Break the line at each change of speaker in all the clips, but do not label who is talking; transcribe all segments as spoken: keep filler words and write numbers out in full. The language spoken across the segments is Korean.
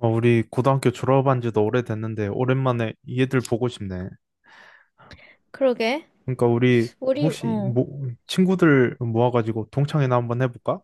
어, 우리 고등학교 졸업한 지도 오래됐는데 오랜만에 얘들 보고 싶네.
그러게.
그러니까 우리
우리,
혹시
어.
뭐 친구들 모아가지고 동창회나 한번 해볼까?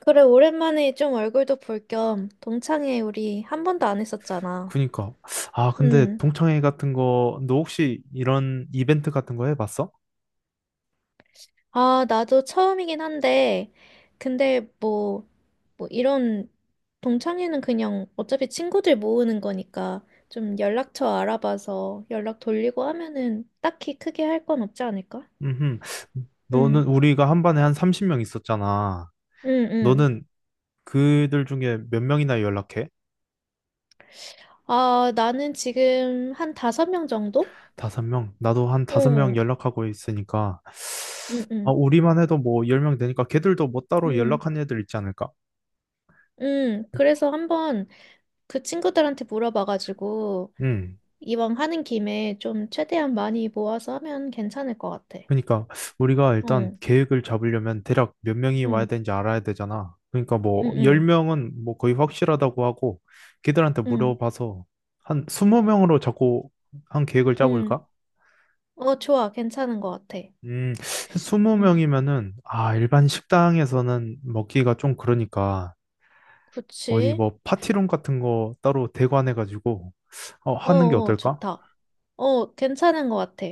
그래, 오랜만에 좀 얼굴도 볼 겸 동창회 우리 한 번도 안 했었잖아.
그니까 아 근데
음.
동창회 같은 거 너 혹시 이런 이벤트 같은 거 해봤어?
아, 나도 처음이긴 한데, 근데 뭐, 뭐 이런 동창회는 그냥 어차피 친구들 모으는 거니까 좀 연락처 알아봐서 연락 돌리고 하면은 딱히 크게 할 건 없지 않을까?
음,
응,
너는 우리가 한 반에 한 삼십 명 있었잖아.
응, 응.
너는 그들 중에 몇 명이나 연락해?
아, 나는 지금 한 다섯 명 정도?
다섯 명? 나도 한 다섯 명
어,
연락하고 있으니까
응,
아
응,
우리만 해도 뭐 열 명 되니까 걔들도 뭐 따로
응.
연락한 애들 있지 않을까?
음, 그래서 한번 그 친구들한테 물어봐가지고
응.
이왕 하는 김에 좀 최대한 많이 모아서 하면 괜찮을 것 같아.
그러니까 우리가
어,
일단
응,
계획을 잡으려면 대략 몇 명이 와야
응,
되는지 알아야 되잖아. 그러니까 뭐
응,
십 명은 뭐 거의 확실하다고 하고 걔들한테
응,
물어봐서 한 이십 명으로 자꾸 한 계획을
응.
짜볼까?
어, 좋아. 괜찮은 것 같아.
음,
응,
이십 명이면은 아, 일반 식당에서는 먹기가 좀 그러니까 어디
그치?
뭐 파티룸 같은 거 따로 대관해 가지고
어,
하는 게
어,
어떨까?
좋다. 어, 괜찮은 것 같아.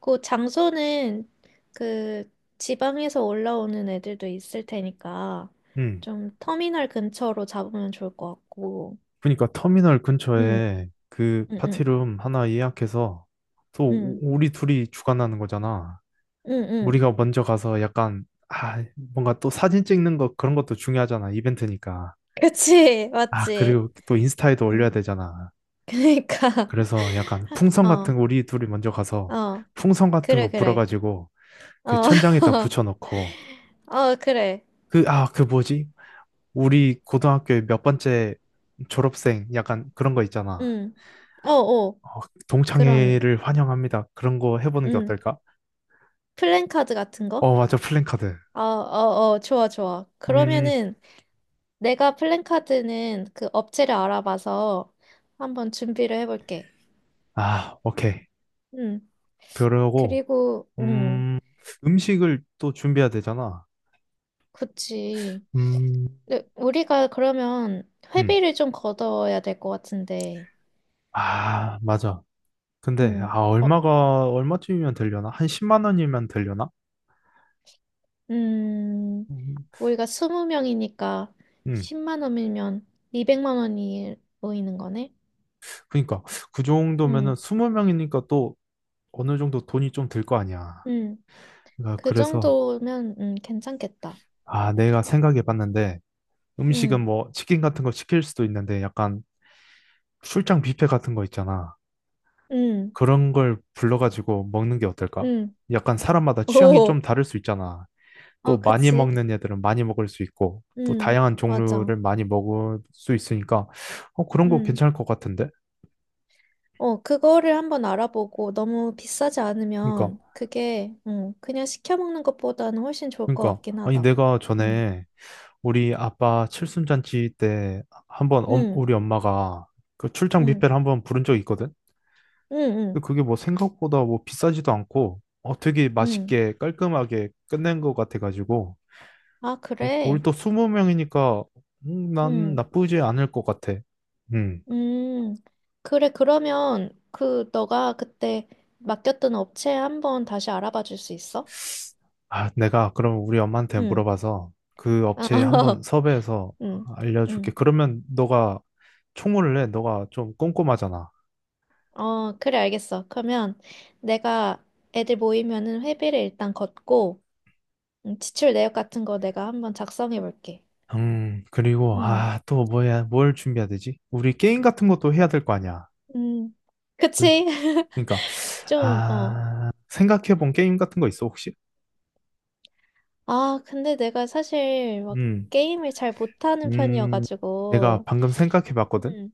그 장소는 그 지방에서 올라오는 애들도 있을 테니까
음.
좀 터미널 근처로 잡으면 좋을 것 같고.
그러니까 터미널
응,
근처에 그
응, 응,
파티룸 하나 예약해서 또 우-
응,
우리 둘이 주관하는 거잖아.
응, 응.
우리가 먼저 가서 약간 아 뭔가 또 사진 찍는 거 그런 것도 중요하잖아. 이벤트니까.
그치,
아
맞지.
그리고 또 인스타에도 올려야
응.
되잖아.
그러니까
그래서 약간 풍선
어,
같은 거 우리 둘이 먼저 가서
어,
풍선 같은
그래,
거
그래,
불어가지고 그
어,
천장에다 붙여놓고
어, 그래,
그 아 그 뭐지? 우리 고등학교에 몇 번째 졸업생 약간 그런 거 있잖아.
응, 어, 어,
어,
그런,
동창회를 환영합니다. 그런 거 해보는 게
응,
어떨까?
플랜카드 같은 거?
어, 맞아. 플랜카드.
어, 어, 어, 좋아, 좋아.
음,
그러면은 내가 플랜카드는 그 업체를 알아봐서 한번 준비를 해볼게.
아, 오케이.
응,
그러고,
그리고, 응,
음, 음식을 또 준비해야 되잖아.
그치.
음,
근데 우리가 그러면
음.
회비를 좀 걷어야 될 것 같은데,
아, 맞아. 근데,
응.
아,
어,
얼마가, 얼마쯤이면 되려나? 한 십만 원이면 되려나?
음,
음,
우리가 스무 명이니까
음.
십만 원이면 이백만 원이 모이는 거네?
그니까, 그 정도면은
응,
이십 명이니까 또 어느 정도 돈이 좀 들 거 아니야.
응,
그러니까
그
그래서,
정도면, 음, 괜찮겠다.
아, 내가 생각해 봤는데, 음식은
응,
뭐, 치킨 같은 거 시킬 수도 있는데, 약간 출장 뷔페 같은 거 있잖아.
응,
그런 걸 불러가지고 먹는 게 어떨까?
응.
약간 사람마다 취향이 좀
오,
다를 수 있잖아.
어,
또 많이
그치.
먹는 애들은 많이 먹을 수 있고, 또
응,
다양한
맞아.
종류를 많이 먹을 수 있으니까, 어, 그런 거
응,
괜찮을 것 같은데?
어, 그거를 한번 알아보고 너무 비싸지
그러니까,
않으면 그게, 응 그냥 시켜 먹는 것보다는 훨씬 좋을 것
그러니까,
같긴
아니,
하다.
내가
응,
전에 우리 아빠 칠순잔치 때 한번 엄-
응,
우리 엄마가 그 출장
응,
뷔페를 한번 부른 적이 있거든?
응, 응,
근데 그게 뭐 생각보다 뭐 비싸지도 않고, 어, 되게
응.
맛있게 깔끔하게 끝낸 것 같아가지고,
아,
오, 우리
그래?
또 이십 명이니까 난
응
나쁘지 않을 것 같아. 음.
음, 그래, 그러면 그 너가 그때 맡겼던 업체 한번 다시 알아봐 줄 수 있어?
아, 내가 그럼 우리 엄마한테
응.
물어봐서 그
아,
업체에 한번 섭외해서
응,
알려줄게.
응.
그러면 너가 총무를 해. 너가 좀 꼼꼼하잖아.
어, 그래, 알겠어. 그러면 내가 애들 모이면은 회비를 일단 걷고, 음, 지출 내역 같은 거 내가 한번 작성해 볼게.
음, 그리고
응,
아, 또 뭐야? 뭘 준비해야 되지? 우리 게임 같은 것도 해야 될 거 아니야.
응.
그,
그치?
그러니까
좀, 어.
아, 생각해본 게임 같은 거 있어, 혹시?
아, 근데 내가 사실 막
음.
게임을 잘 못하는
음. 내가
편이어가지고,
방금 생각해봤거든.
응,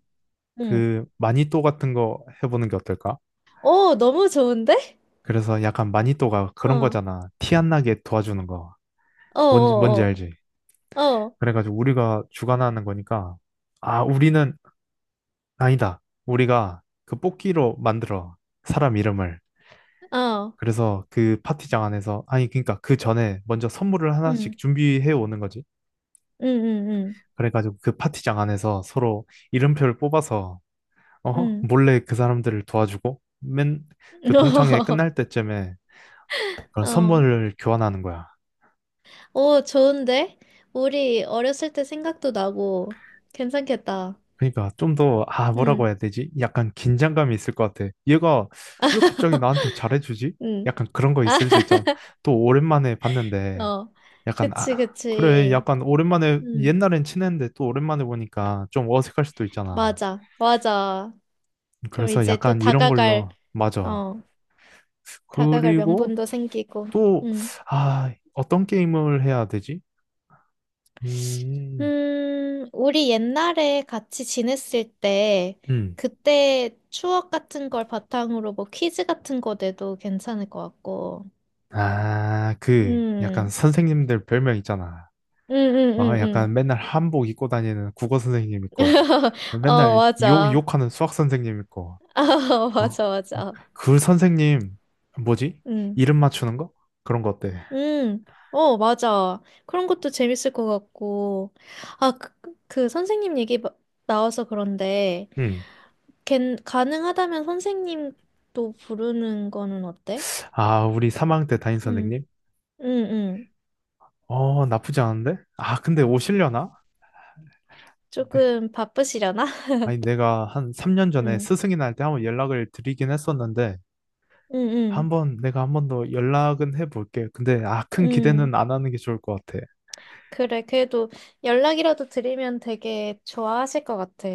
응.
그 마니또 같은 거 해보는 게 어떨까?
오, 너무 좋은데?
그래서 약간 마니또가 그런
어.
거잖아. 티 안 나게 도와주는 거. 뭔지, 뭔지
어어어,
알지?
어, 어,
그래가지고 우리가 주관하는 거니까, 아, 우리는, 아니다. 우리가 그 뽑기로 만들어. 사람 이름을.
어, 어,
그래서 그 파티장 안에서, 아니, 그러니까 그 전에 먼저 선물을 하나씩
응,
준비해 오는 거지.
응, 응,
그래가지고 그 파티장 안에서 서로 이름표를 뽑아서,
응,
어?
응.
몰래 그 사람들을 도와주고, 맨 그 동창회 끝날 때쯤에 그런
어,
선물을 교환하는 거야.
오, 좋은데? 우리 어렸을 때 생각도 나고, 괜찮겠다.
그러니까 좀 더, 아, 뭐라고
응,
해야 되지? 약간 긴장감이 있을 것 같아. 얘가 왜 갑자기 나한테 잘해주지?
응.
약간 그런 거
아,
있을 수 있잖아. 또 오랜만에 봤는데,
어,
약간,
그치,
아, 그래,
그치.
약간 오랜만에,
응,
옛날엔 친했는데 또 오랜만에 보니까 좀 어색할 수도 있잖아.
맞아, 맞아. 그럼
그래서
이제 또
약간 이런
다가갈,
걸로, 맞아.
어, 다가갈
그리고
명분도 생기고,
또,
응.
아, 어떤 게임을 해야 되지? 음,
음, 우리 옛날에 같이 지냈을 때,
음.
그때 추억 같은 걸 바탕으로 뭐 퀴즈 같은 거 내도 괜찮을 것 같고.
아, 그, 약간
음,
선생님들 별명 있잖아.
음, 음,
아,
음,
약간
음.
맨날 한복 입고 다니는 국어 선생님 있고,
어,
맨날 욕,
맞아.
욕하는 수학 선생님 있고,
아,
어?
맞아, 맞아.
그 선생님, 뭐지?
음,
이름 맞추는 거? 그런 거 어때?
음, 어, 맞아. 그런 것도 재밌을 것 같고. 아, 그, 그 선생님 얘기 마- 나와서 그런데,
응.
걘, 가능하다면 선생님도 부르는 거는 어때?
아, 우리 삼 학년 때 담임
응
선생님?
응응
어, 나쁘지 않은데? 아, 근데 오시려나? 네.
조금 바쁘시려나?
아니, 내가 한 삼 년 전에
응,
스승이 날 때 한번 연락을 드리긴 했었는데,
응, 응,
한번, 내가 한 번 더 연락은 해볼게. 근데, 아, 큰
응.
기대는 안 하는 게 좋을 것 같아.
그래, 그래도 연락이라도 드리면 되게 좋아하실 것 같아.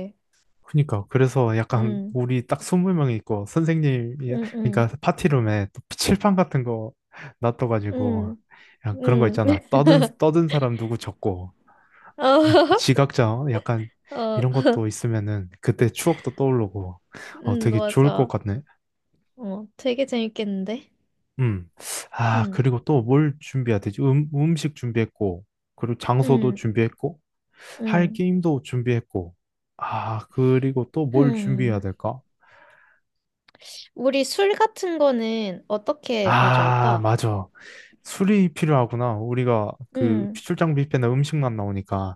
그니까 그래서 약간
응,
우리 딱 이십 명이 있고 선생님이
응,
그러니까
응,
파티룸에 또 칠판 같은 거 놔둬가지고
응,
그냥 그런 거
응.
있잖아 떠든 떠든 사람 누구 적고
어,
지각자 약간
어,
이런 것도 있으면은 그때 추억도 떠오르고 어
응,
되게 좋을 것
맞아.
같네.
어, 되게 재밌겠는데?
음 아
응,
그리고 또 뭘 준비해야 되지? 음, 음식 준비했고 그리고 장소도
응,
준비했고 할
응.
게임도 준비했고 아 그리고 또 뭘 준비해야
음.
될까?
우리 술 같은 거는 어떻게
아,
가져올까?
맞아. 술이 필요하구나. 우리가 그
응,
출장 뷔페는 음식만 나오니까.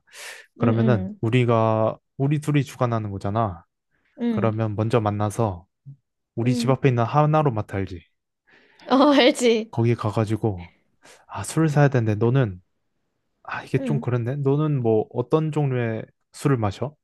응,
그러면은
응,
우리가 우리 둘이 주관하는 거잖아.
응,
그러면 먼저 만나서 우리 집
응.
앞에 있는 하나로마트 알지?
어, 알지?
거기 가가지고 아, 술을 사야 되는데 너는 아, 이게 좀
응.
그렇네. 너는 뭐 어떤 종류의 술을 마셔?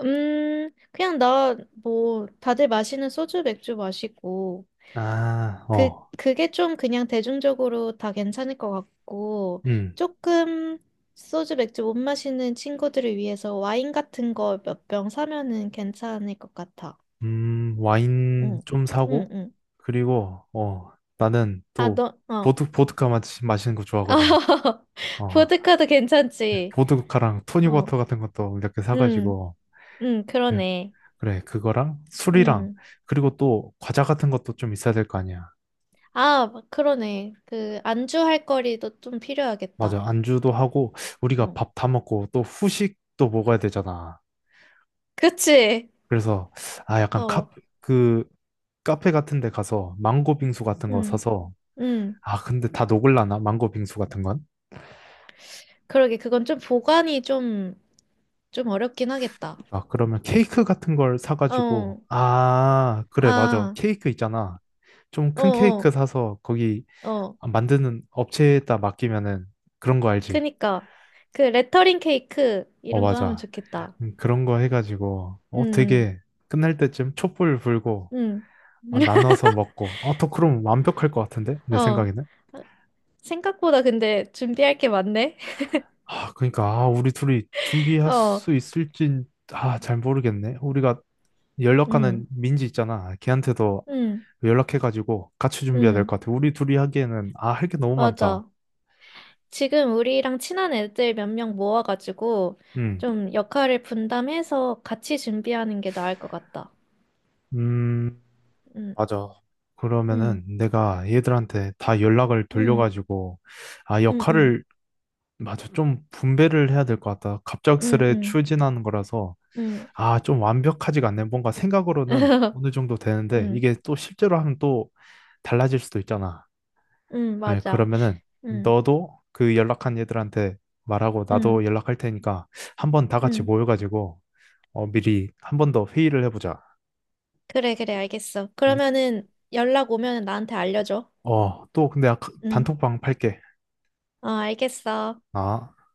음, 그냥 나, 뭐, 다들 마시는 소주, 맥주 마시고,
아,
그,
어.
그게 좀 그냥 대중적으로 다 괜찮을 것 같고,
음.
조금 소주, 맥주 못 마시는 친구들을 위해서 와인 같은 거 몇 병 사면은 괜찮을 것 같아.
음, 와인
응,
좀
응,
사고
응.
그리고 어, 나는
아,
또
너, 어.
보드 보드카 마- 마시는 거 좋아하거든. 어,
보드카도
네,
괜찮지.
보드카랑
어,
토닉워터 같은 것도 이렇게
응,
사가지고
응,
그래,
그러네.
그래, 그거랑 술이랑
응.
그리고 또 과자 같은 것도 좀 있어야 될 거 아니야.
아, 그러네. 그, 안주 할 거리도 좀
맞아,
필요하겠다.
안주도 하고 우리가
어.
밥 다 먹고 또 후식도 먹어야 되잖아.
그치?
그래서 아 약간 카,
어,
그 카페 같은 데 가서 망고 빙수 같은 거
음,
사서
음.
아 근데 다 녹을라나, 망고 빙수 같은 건?
그러게, 그건 좀 보관이 좀, 좀 어렵긴 하겠다.
아 그러면 케이크 같은 걸 사가지고,
어,
아 그래, 맞아,
아,
케이크 있잖아. 좀
어,
큰 케이크
어,
사서 거기
어.
아, 만드는 업체에다 맡기면은, 그런 거 알지?
그니까. 그 레터링 케이크,
어,
이런 거 하면
맞아.
좋겠다.
음, 그런 거 해가지고, 어,
음,
되게 끝날 때쯤 촛불 불고,
음.
아, 나눠서 먹고, 아, 더 그럼 완벽할 것 같은데?
음.
내
어.
생각에는?
생각보다 근데 준비할 게 많네?
아, 그러니까, 아, 우리 둘이 준비할
어,
수 있을진, 아, 잘 모르겠네. 우리가 연락하는
음,
민지 있잖아. 걔한테도
음,
연락해가지고 같이 준비해야 될
음.
것 같아. 우리 둘이 하기에는, 아, 할 게 너무 많다.
맞아. 지금 우리랑 친한 애들 몇 명 모아가지고
음,
좀 역할을 분담해서 같이 준비하는 게 나을 것 같다.
음,
응,
맞아.
응,
그러면은 내가 얘들한테 다 연락을
응,
돌려가지고 아
응, 응,
역할을, 맞아, 좀 분배를 해야 될 것 같다.
응,
갑작스레
응,
추진하는 거라서
응,
아 좀 완벽하지가 않네. 뭔가 생각으로는 어느 정도 되는데
응,
이게 또 실제로 하면 또 달라질 수도 있잖아.
응,
그래,
맞아.
그러면은
응,
너도 그 연락한 얘들한테 말하고
응,
나도 연락할 테니까 한번 다 같이
응.
모여가지고 어, 미리 한 번 더 회의를 해보자.
그래, 그래, 알겠어.
응?
그러면은 연락 오면 나한테 알려줘.
어, 또 근데 아까
응,
단톡방 팔게.
어, 알겠어.
아.